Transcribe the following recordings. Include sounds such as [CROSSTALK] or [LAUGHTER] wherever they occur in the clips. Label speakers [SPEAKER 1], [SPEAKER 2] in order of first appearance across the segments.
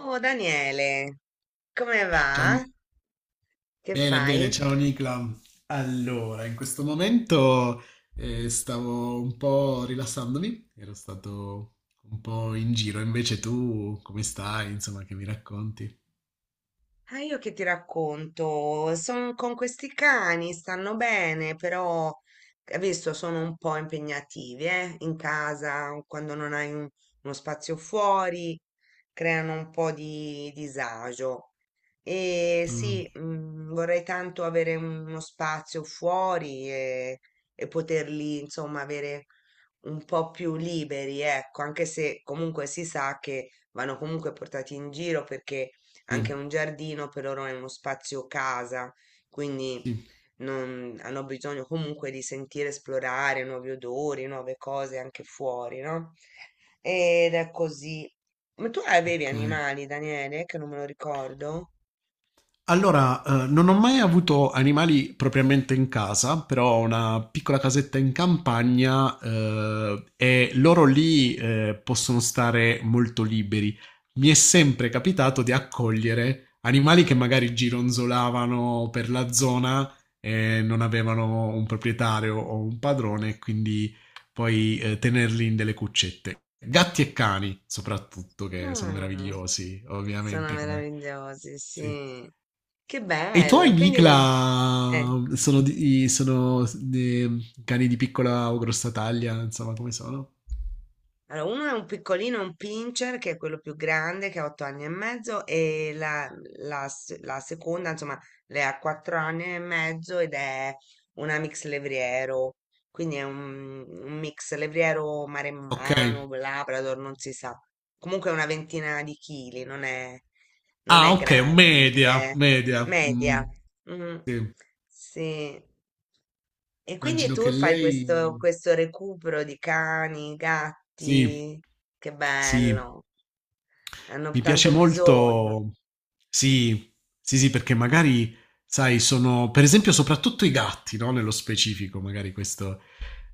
[SPEAKER 1] Oh Daniele, come
[SPEAKER 2] Ciao,
[SPEAKER 1] va? Che
[SPEAKER 2] bene, bene,
[SPEAKER 1] fai?
[SPEAKER 2] ciao Nicla. Allora, in questo momento stavo un po' rilassandomi, ero stato un po' in giro, invece tu come stai? Insomma, che mi racconti?
[SPEAKER 1] Ah, io che ti racconto? Sono con questi cani, stanno bene, però adesso sono un po' impegnativi, eh? In casa, quando non hai uno spazio fuori, creano un po' di disagio. E sì,
[SPEAKER 2] Ah,
[SPEAKER 1] vorrei tanto avere uno spazio fuori e poterli, insomma, avere un po' più liberi, ecco, anche se comunque si sa che vanno comunque portati in giro perché anche
[SPEAKER 2] sì,
[SPEAKER 1] un giardino, per loro è uno spazio casa, quindi
[SPEAKER 2] sì,
[SPEAKER 1] hanno bisogno comunque di sentire, esplorare nuovi odori, nuove cose anche fuori, no? Ed è così. Ma tu avevi
[SPEAKER 2] ok.
[SPEAKER 1] animali, Daniele, che non me lo ricordo?
[SPEAKER 2] Allora, non ho mai avuto animali propriamente in casa, però ho una piccola casetta in campagna, e loro lì, possono stare molto liberi. Mi è sempre capitato di accogliere animali che magari gironzolavano per la zona e non avevano un proprietario o un padrone, quindi poi, tenerli in delle cuccette. Gatti e cani, soprattutto, che sono
[SPEAKER 1] Ah,
[SPEAKER 2] meravigliosi,
[SPEAKER 1] sono
[SPEAKER 2] ovviamente, come.
[SPEAKER 1] meravigliosi,
[SPEAKER 2] Sì.
[SPEAKER 1] sì. Che
[SPEAKER 2] E i tuoi
[SPEAKER 1] bello. Quindi,
[SPEAKER 2] Nicla
[SPEAKER 1] eh.
[SPEAKER 2] sono, cani di piccola o grossa taglia, insomma, come sono?
[SPEAKER 1] Allora, uno è un piccolino, un pincher, che è quello più grande, che ha otto anni e mezzo, e la seconda, insomma, lei ha quattro anni e mezzo ed è una mix levriero, quindi è un mix levriero
[SPEAKER 2] Ok.
[SPEAKER 1] maremmano, labrador, non si sa. Comunque è una ventina di chili, non
[SPEAKER 2] Ah,
[SPEAKER 1] è
[SPEAKER 2] ok, media,
[SPEAKER 1] grande,
[SPEAKER 2] media. Mm,
[SPEAKER 1] media. Mm,
[SPEAKER 2] sì.
[SPEAKER 1] sì. E quindi
[SPEAKER 2] Immagino che
[SPEAKER 1] tu fai questo,
[SPEAKER 2] lei.
[SPEAKER 1] questo recupero di cani,
[SPEAKER 2] Sì,
[SPEAKER 1] gatti, che
[SPEAKER 2] sì.
[SPEAKER 1] bello, hanno
[SPEAKER 2] Mi piace
[SPEAKER 1] tanto bisogno.
[SPEAKER 2] molto. Sì, sì, sì, perché magari, sai, sono, per esempio, soprattutto i gatti, no? Nello specifico, magari questo.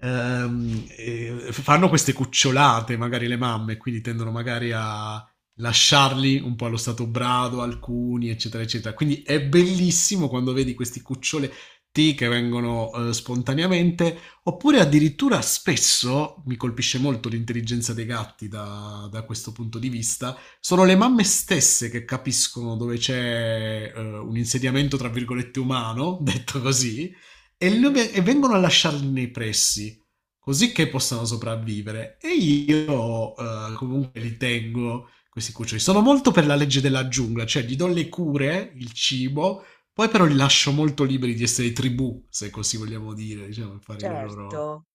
[SPEAKER 2] Fanno queste cucciolate, magari le mamme, quindi tendono magari a lasciarli un po' allo stato brado, alcuni, eccetera, eccetera. Quindi è bellissimo quando vedi questi cuccioletti che vengono spontaneamente, oppure addirittura spesso mi colpisce molto l'intelligenza dei gatti da questo punto di vista. Sono le mamme stesse che capiscono dove c'è un insediamento, tra virgolette, umano, [LAUGHS] detto così,
[SPEAKER 1] Mhm.
[SPEAKER 2] e vengono a lasciarli nei pressi, così che possano sopravvivere. E io comunque li tengo, questi cuccioli. Sono molto per la legge della giungla, cioè gli do le cure, il cibo, poi però li lascio molto liberi di essere tribù, se così vogliamo dire, diciamo, fare le loro
[SPEAKER 1] Certo.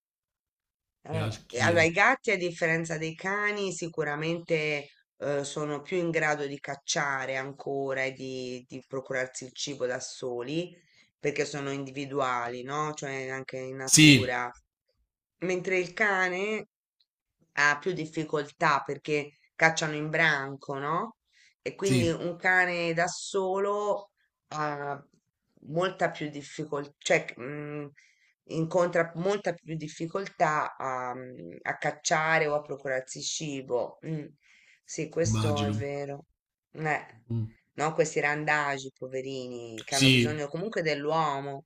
[SPEAKER 1] E allora,
[SPEAKER 2] gerarchie.
[SPEAKER 1] i gatti, a differenza dei cani, sicuramente sono più in grado di cacciare ancora e di procurarsi il cibo da soli, perché sono individuali, no? Cioè anche in
[SPEAKER 2] Sì,
[SPEAKER 1] natura. Mentre il cane ha più difficoltà perché cacciano in branco, no? E quindi
[SPEAKER 2] sì,
[SPEAKER 1] un cane da solo ha molta più difficoltà, incontra molta più difficoltà a, a cacciare o a procurarsi cibo. Sì, questo è
[SPEAKER 2] immagino.
[SPEAKER 1] vero. Eh,
[SPEAKER 2] Mm.
[SPEAKER 1] no, questi randagi, poverini, che hanno
[SPEAKER 2] Sì,
[SPEAKER 1] bisogno comunque dell'uomo.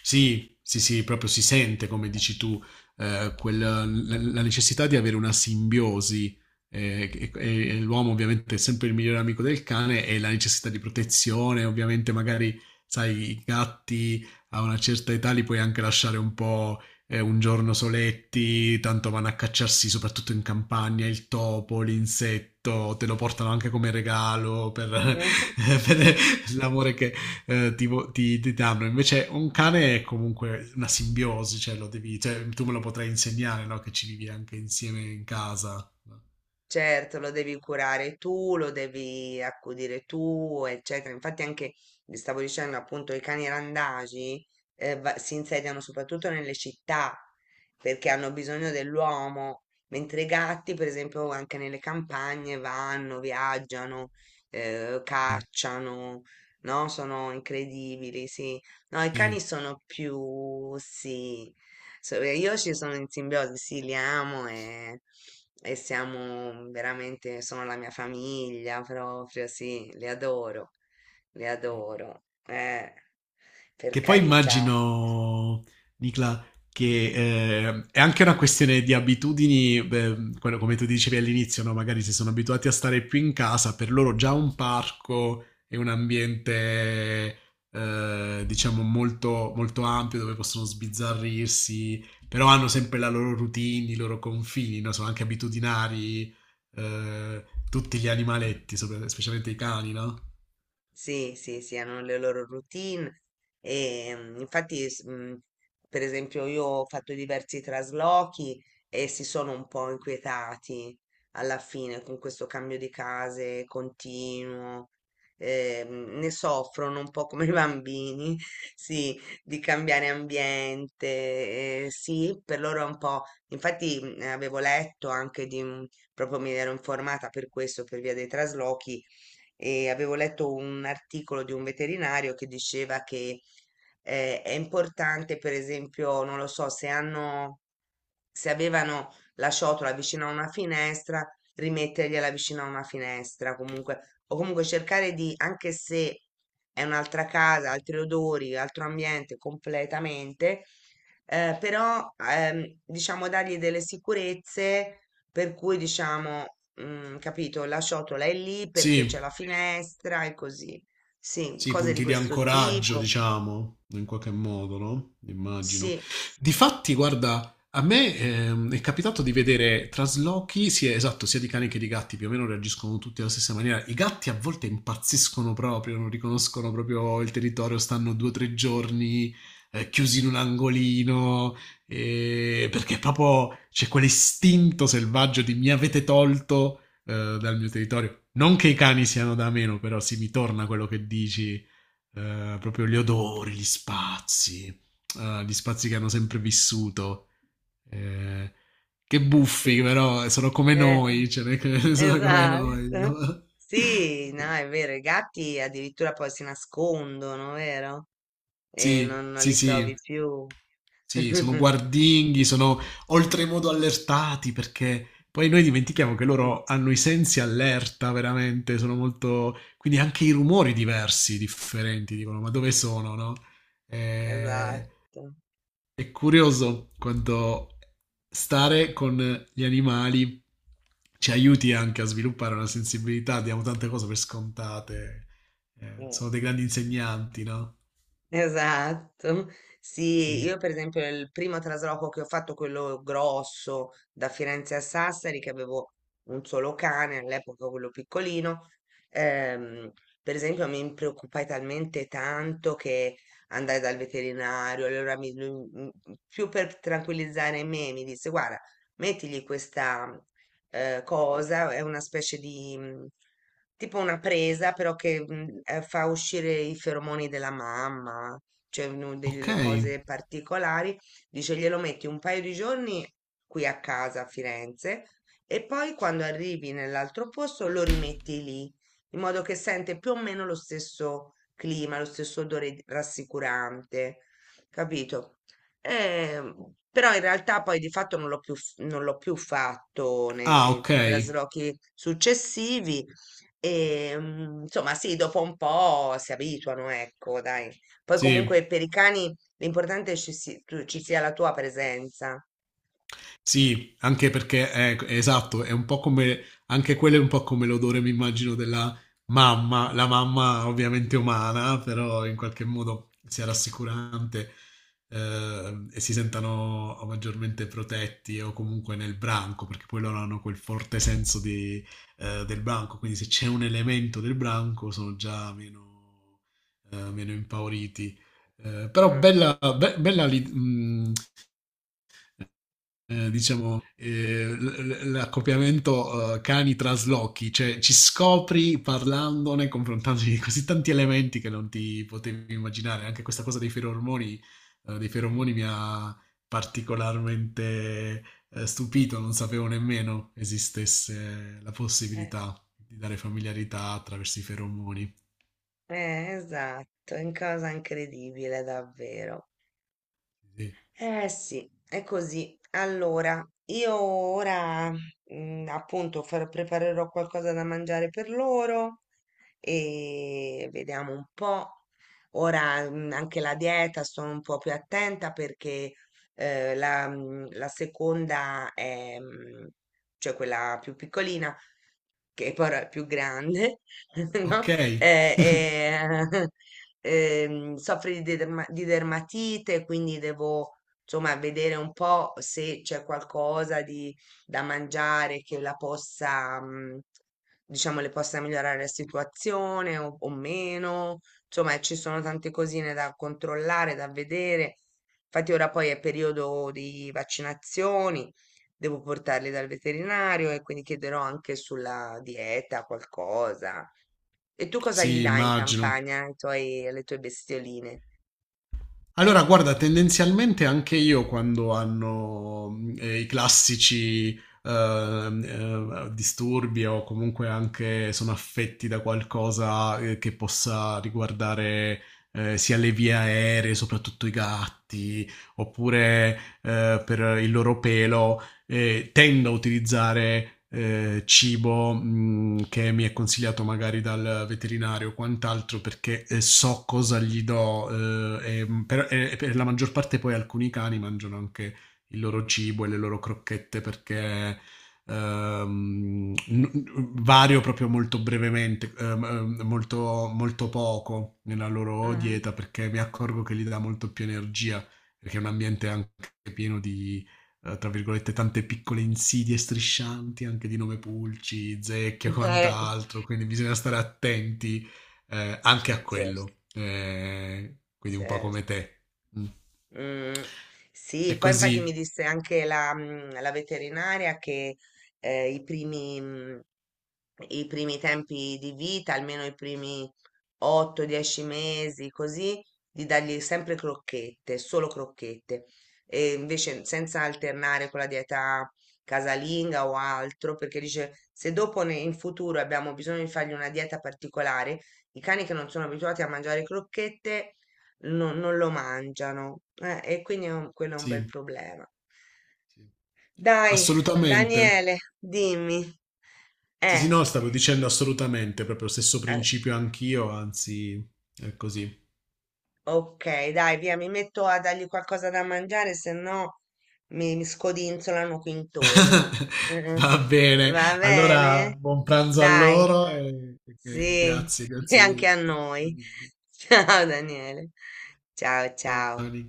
[SPEAKER 2] sì, sì, sì, proprio si sente, come dici tu, la necessità di avere una simbiosi. E l'uomo ovviamente è sempre il migliore amico del cane e la necessità di protezione, ovviamente magari, sai, i gatti a una certa età li puoi anche lasciare un po' un giorno soletti, tanto vanno a cacciarsi soprattutto in campagna il topo, l'insetto, te lo portano anche come regalo per,
[SPEAKER 1] [LAUGHS]
[SPEAKER 2] [LAUGHS] per l'amore che, ti danno. Invece un cane è comunque una simbiosi, cioè lo devi, cioè, tu me lo potrai insegnare, no? Che ci vivi anche insieme in casa. No?
[SPEAKER 1] Certo, lo devi curare tu, lo devi accudire tu, eccetera. Infatti anche, vi stavo dicendo appunto, i cani randagi si insediano soprattutto nelle città perché hanno bisogno dell'uomo, mentre i gatti, per esempio, anche nelle campagne vanno, viaggiano,
[SPEAKER 2] Sì,
[SPEAKER 1] cacciano, no? Sono incredibili, sì. No, i cani
[SPEAKER 2] sì,
[SPEAKER 1] sono più, sì, so, e io ci sono in simbiosi, sì, li amo e siamo veramente, sono la mia famiglia proprio, sì, li
[SPEAKER 2] sì.
[SPEAKER 1] adoro, per
[SPEAKER 2] Che poi
[SPEAKER 1] carità.
[SPEAKER 2] immagino, Nicla, che è anche una questione di abitudini, beh, come tu dicevi all'inizio, no? Magari se sono abituati a stare più in casa, per loro già un parco è un ambiente, diciamo, molto, molto ampio dove possono sbizzarrirsi, però hanno sempre la loro routine, i loro confini, no? Sono anche abitudinari, tutti gli animaletti, specialmente i cani, no?
[SPEAKER 1] Sì, sì, sì, hanno le loro routine e per esempio, io ho fatto diversi traslochi e si sono un po' inquietati alla fine con questo cambio di case continuo. Ne soffrono un po' [LAUGHS] come i bambini, [LAUGHS] sì, di cambiare ambiente, sì, per loro è un po'. Infatti, avevo letto anche proprio mi ero informata per questo, per via dei traslochi e avevo letto un articolo di un veterinario che diceva che è importante, per esempio, non lo so, se avevano la ciotola vicino a una finestra, rimettergliela vicino a una finestra, comunque, o comunque cercare di, anche se è un'altra casa, altri odori, altro ambiente completamente, però diciamo dargli delle sicurezze per cui diciamo, capito, la ciotola è lì perché c'è
[SPEAKER 2] Sì.
[SPEAKER 1] la finestra e così. Sì,
[SPEAKER 2] Sì,
[SPEAKER 1] cose di
[SPEAKER 2] punti di
[SPEAKER 1] questo
[SPEAKER 2] ancoraggio,
[SPEAKER 1] tipo.
[SPEAKER 2] diciamo, in qualche modo, no? Immagino.
[SPEAKER 1] Sì,
[SPEAKER 2] Difatti, guarda, a me è capitato di vedere traslochi, sia, esatto, sia di cani che di gatti, più o meno reagiscono tutti alla stessa maniera. I gatti a volte impazziscono proprio, non riconoscono proprio il territorio, stanno due o tre giorni chiusi in un angolino, perché proprio c'è quell'istinto selvaggio di mi avete tolto dal mio territorio. Non che i cani siano da meno, però sì, mi torna quello che dici, proprio gli odori, gli spazi che hanno sempre vissuto. eh, che buffi,
[SPEAKER 1] sì.
[SPEAKER 2] però sono come
[SPEAKER 1] Eh.
[SPEAKER 2] noi, cioè, [LAUGHS] non è che [LAUGHS] sono come noi. [LAUGHS]
[SPEAKER 1] Esatto.
[SPEAKER 2] No?
[SPEAKER 1] Sì, no, è vero, i gatti addirittura poi si nascondono, vero? E
[SPEAKER 2] Sì,
[SPEAKER 1] non
[SPEAKER 2] sì,
[SPEAKER 1] li trovi
[SPEAKER 2] sì.
[SPEAKER 1] più.
[SPEAKER 2] Sì, sono
[SPEAKER 1] [LAUGHS]
[SPEAKER 2] guardinghi, sono oltremodo allertati perché poi noi dimentichiamo che loro hanno i sensi allerta veramente, sono molto. Quindi anche i rumori diversi, differenti, dicono, ma dove sono, no? Eh,
[SPEAKER 1] Esatto,
[SPEAKER 2] è
[SPEAKER 1] sì.
[SPEAKER 2] curioso quanto stare con gli animali ci aiuti anche a sviluppare una sensibilità, diamo tante cose per scontate,
[SPEAKER 1] Eh.
[SPEAKER 2] sono dei grandi insegnanti, no?
[SPEAKER 1] Esatto. Sì,
[SPEAKER 2] Sì.
[SPEAKER 1] io per esempio il primo trasloco che ho fatto, quello grosso da Firenze a Sassari, che avevo un solo cane, all'epoca quello piccolino, ehm, per esempio mi preoccupai talmente tanto che andai dal veterinario, più per tranquillizzare me mi disse, guarda, mettigli questa cosa, è una specie di tipo una presa, però che fa uscire i feromoni della mamma, cioè uno
[SPEAKER 2] Ok.
[SPEAKER 1] delle cose particolari. Dice glielo metti un paio di giorni qui a casa a Firenze e poi quando arrivi nell'altro posto lo rimetti lì, in modo che sente più o meno lo stesso clima, lo stesso odore rassicurante, capito? Però in realtà poi di fatto non l'ho più fatto ne
[SPEAKER 2] Ah,
[SPEAKER 1] nei
[SPEAKER 2] ok.
[SPEAKER 1] traslochi successivi. Insomma sì, dopo un po' si abituano, ecco, dai. Poi
[SPEAKER 2] Sì,
[SPEAKER 1] comunque per i cani l'importante è ci si tu ci sia la tua presenza.
[SPEAKER 2] sì, anche perché è esatto, è un po' come anche quello è un po' come l'odore, mi immagino, della mamma, la mamma ovviamente umana, però in qualche modo sia rassicurante e si sentano maggiormente protetti o comunque nel branco, perché poi loro hanno quel forte senso di, del branco, quindi se c'è un elemento del branco sono già meno impauriti. Però
[SPEAKER 1] Mh.
[SPEAKER 2] bella, diciamo, l'accoppiamento cani traslochi, cioè ci scopri parlandone, confrontandoti di così tanti elementi che non ti potevi immaginare. Anche questa cosa dei feromoni mi ha particolarmente stupito, non sapevo nemmeno esistesse la
[SPEAKER 1] Eh,
[SPEAKER 2] possibilità di dare familiarità attraverso i feromoni.
[SPEAKER 1] esatto, è un cosa incredibile davvero.
[SPEAKER 2] Sì.
[SPEAKER 1] Eh sì, è così. Allora, io ora preparerò qualcosa da mangiare per loro e vediamo un po'. Ora anche la dieta sono un po' più attenta perché la seconda è, cioè quella più piccolina, che poi è più grande, [LAUGHS] no?
[SPEAKER 2] Ok,
[SPEAKER 1] Eh, eh, [LAUGHS] soffre di dermatite, quindi devo insomma, vedere un po' se c'è qualcosa di, da mangiare che la possa, diciamo, le possa migliorare la situazione o meno. Insomma, ci sono tante cosine da controllare, da vedere. Infatti ora poi è periodo di vaccinazioni, devo portarli dal veterinario e quindi chiederò anche sulla dieta qualcosa. E tu cosa gli
[SPEAKER 2] sì,
[SPEAKER 1] dai in
[SPEAKER 2] immagino.
[SPEAKER 1] campagna alle tue bestioline?
[SPEAKER 2] Allora, guarda, tendenzialmente anche io quando hanno i classici disturbi o comunque anche sono affetti da qualcosa che possa riguardare sia le vie aeree, soprattutto i gatti, oppure per il loro pelo, tendo a utilizzare cibo che mi è consigliato magari dal veterinario o quant'altro perché so cosa gli do e per la maggior parte poi alcuni cani mangiano anche il loro cibo e le loro crocchette perché ehm, n- vario proprio molto brevemente, molto, molto poco nella loro
[SPEAKER 1] Mhm.
[SPEAKER 2] dieta perché mi accorgo che gli dà molto più energia perché è un ambiente anche pieno di tra virgolette, tante piccole insidie striscianti, anche di nome Pulci, Zecchia
[SPEAKER 1] [LAUGHS]
[SPEAKER 2] e
[SPEAKER 1] Eh,
[SPEAKER 2] quant'altro, quindi bisogna stare attenti anche a
[SPEAKER 1] certo.
[SPEAKER 2] quello. Quindi un po' come
[SPEAKER 1] Certo.
[SPEAKER 2] te. Mm.
[SPEAKER 1] Mm. Sì,
[SPEAKER 2] È
[SPEAKER 1] poi infatti mi
[SPEAKER 2] così,
[SPEAKER 1] disse anche la veterinaria che eh, i primi, mm, i primi tempi di vita, almeno i primi 8-10 mesi, così, di dargli sempre crocchette, solo crocchette, e invece senza alternare con la dieta casalinga o altro, perché dice se dopo in futuro abbiamo bisogno di fargli una dieta particolare, i cani che non sono abituati a mangiare crocchette non lo mangiano, e quindi è quello è un bel
[SPEAKER 2] sì,
[SPEAKER 1] problema.
[SPEAKER 2] sì.
[SPEAKER 1] Dai,
[SPEAKER 2] Assolutamente.
[SPEAKER 1] Daniele, dimmi.
[SPEAKER 2] Sì,
[SPEAKER 1] Eh,
[SPEAKER 2] sì, no, stavo dicendo assolutamente, proprio lo stesso
[SPEAKER 1] eh,
[SPEAKER 2] principio anch'io, anzi, è così.
[SPEAKER 1] Ok, dai, via, mi metto a dargli qualcosa da mangiare, se no mi scodinzolano qui intorno.
[SPEAKER 2] [LAUGHS]
[SPEAKER 1] Mm,
[SPEAKER 2] Va bene,
[SPEAKER 1] va
[SPEAKER 2] allora
[SPEAKER 1] bene?
[SPEAKER 2] buon pranzo a
[SPEAKER 1] Dai,
[SPEAKER 2] loro e
[SPEAKER 1] sì,
[SPEAKER 2] grazie,
[SPEAKER 1] [LAUGHS] e anche
[SPEAKER 2] grazie.
[SPEAKER 1] a noi. [LAUGHS] Ciao Daniele. Ciao, ciao.
[SPEAKER 2] Johnny.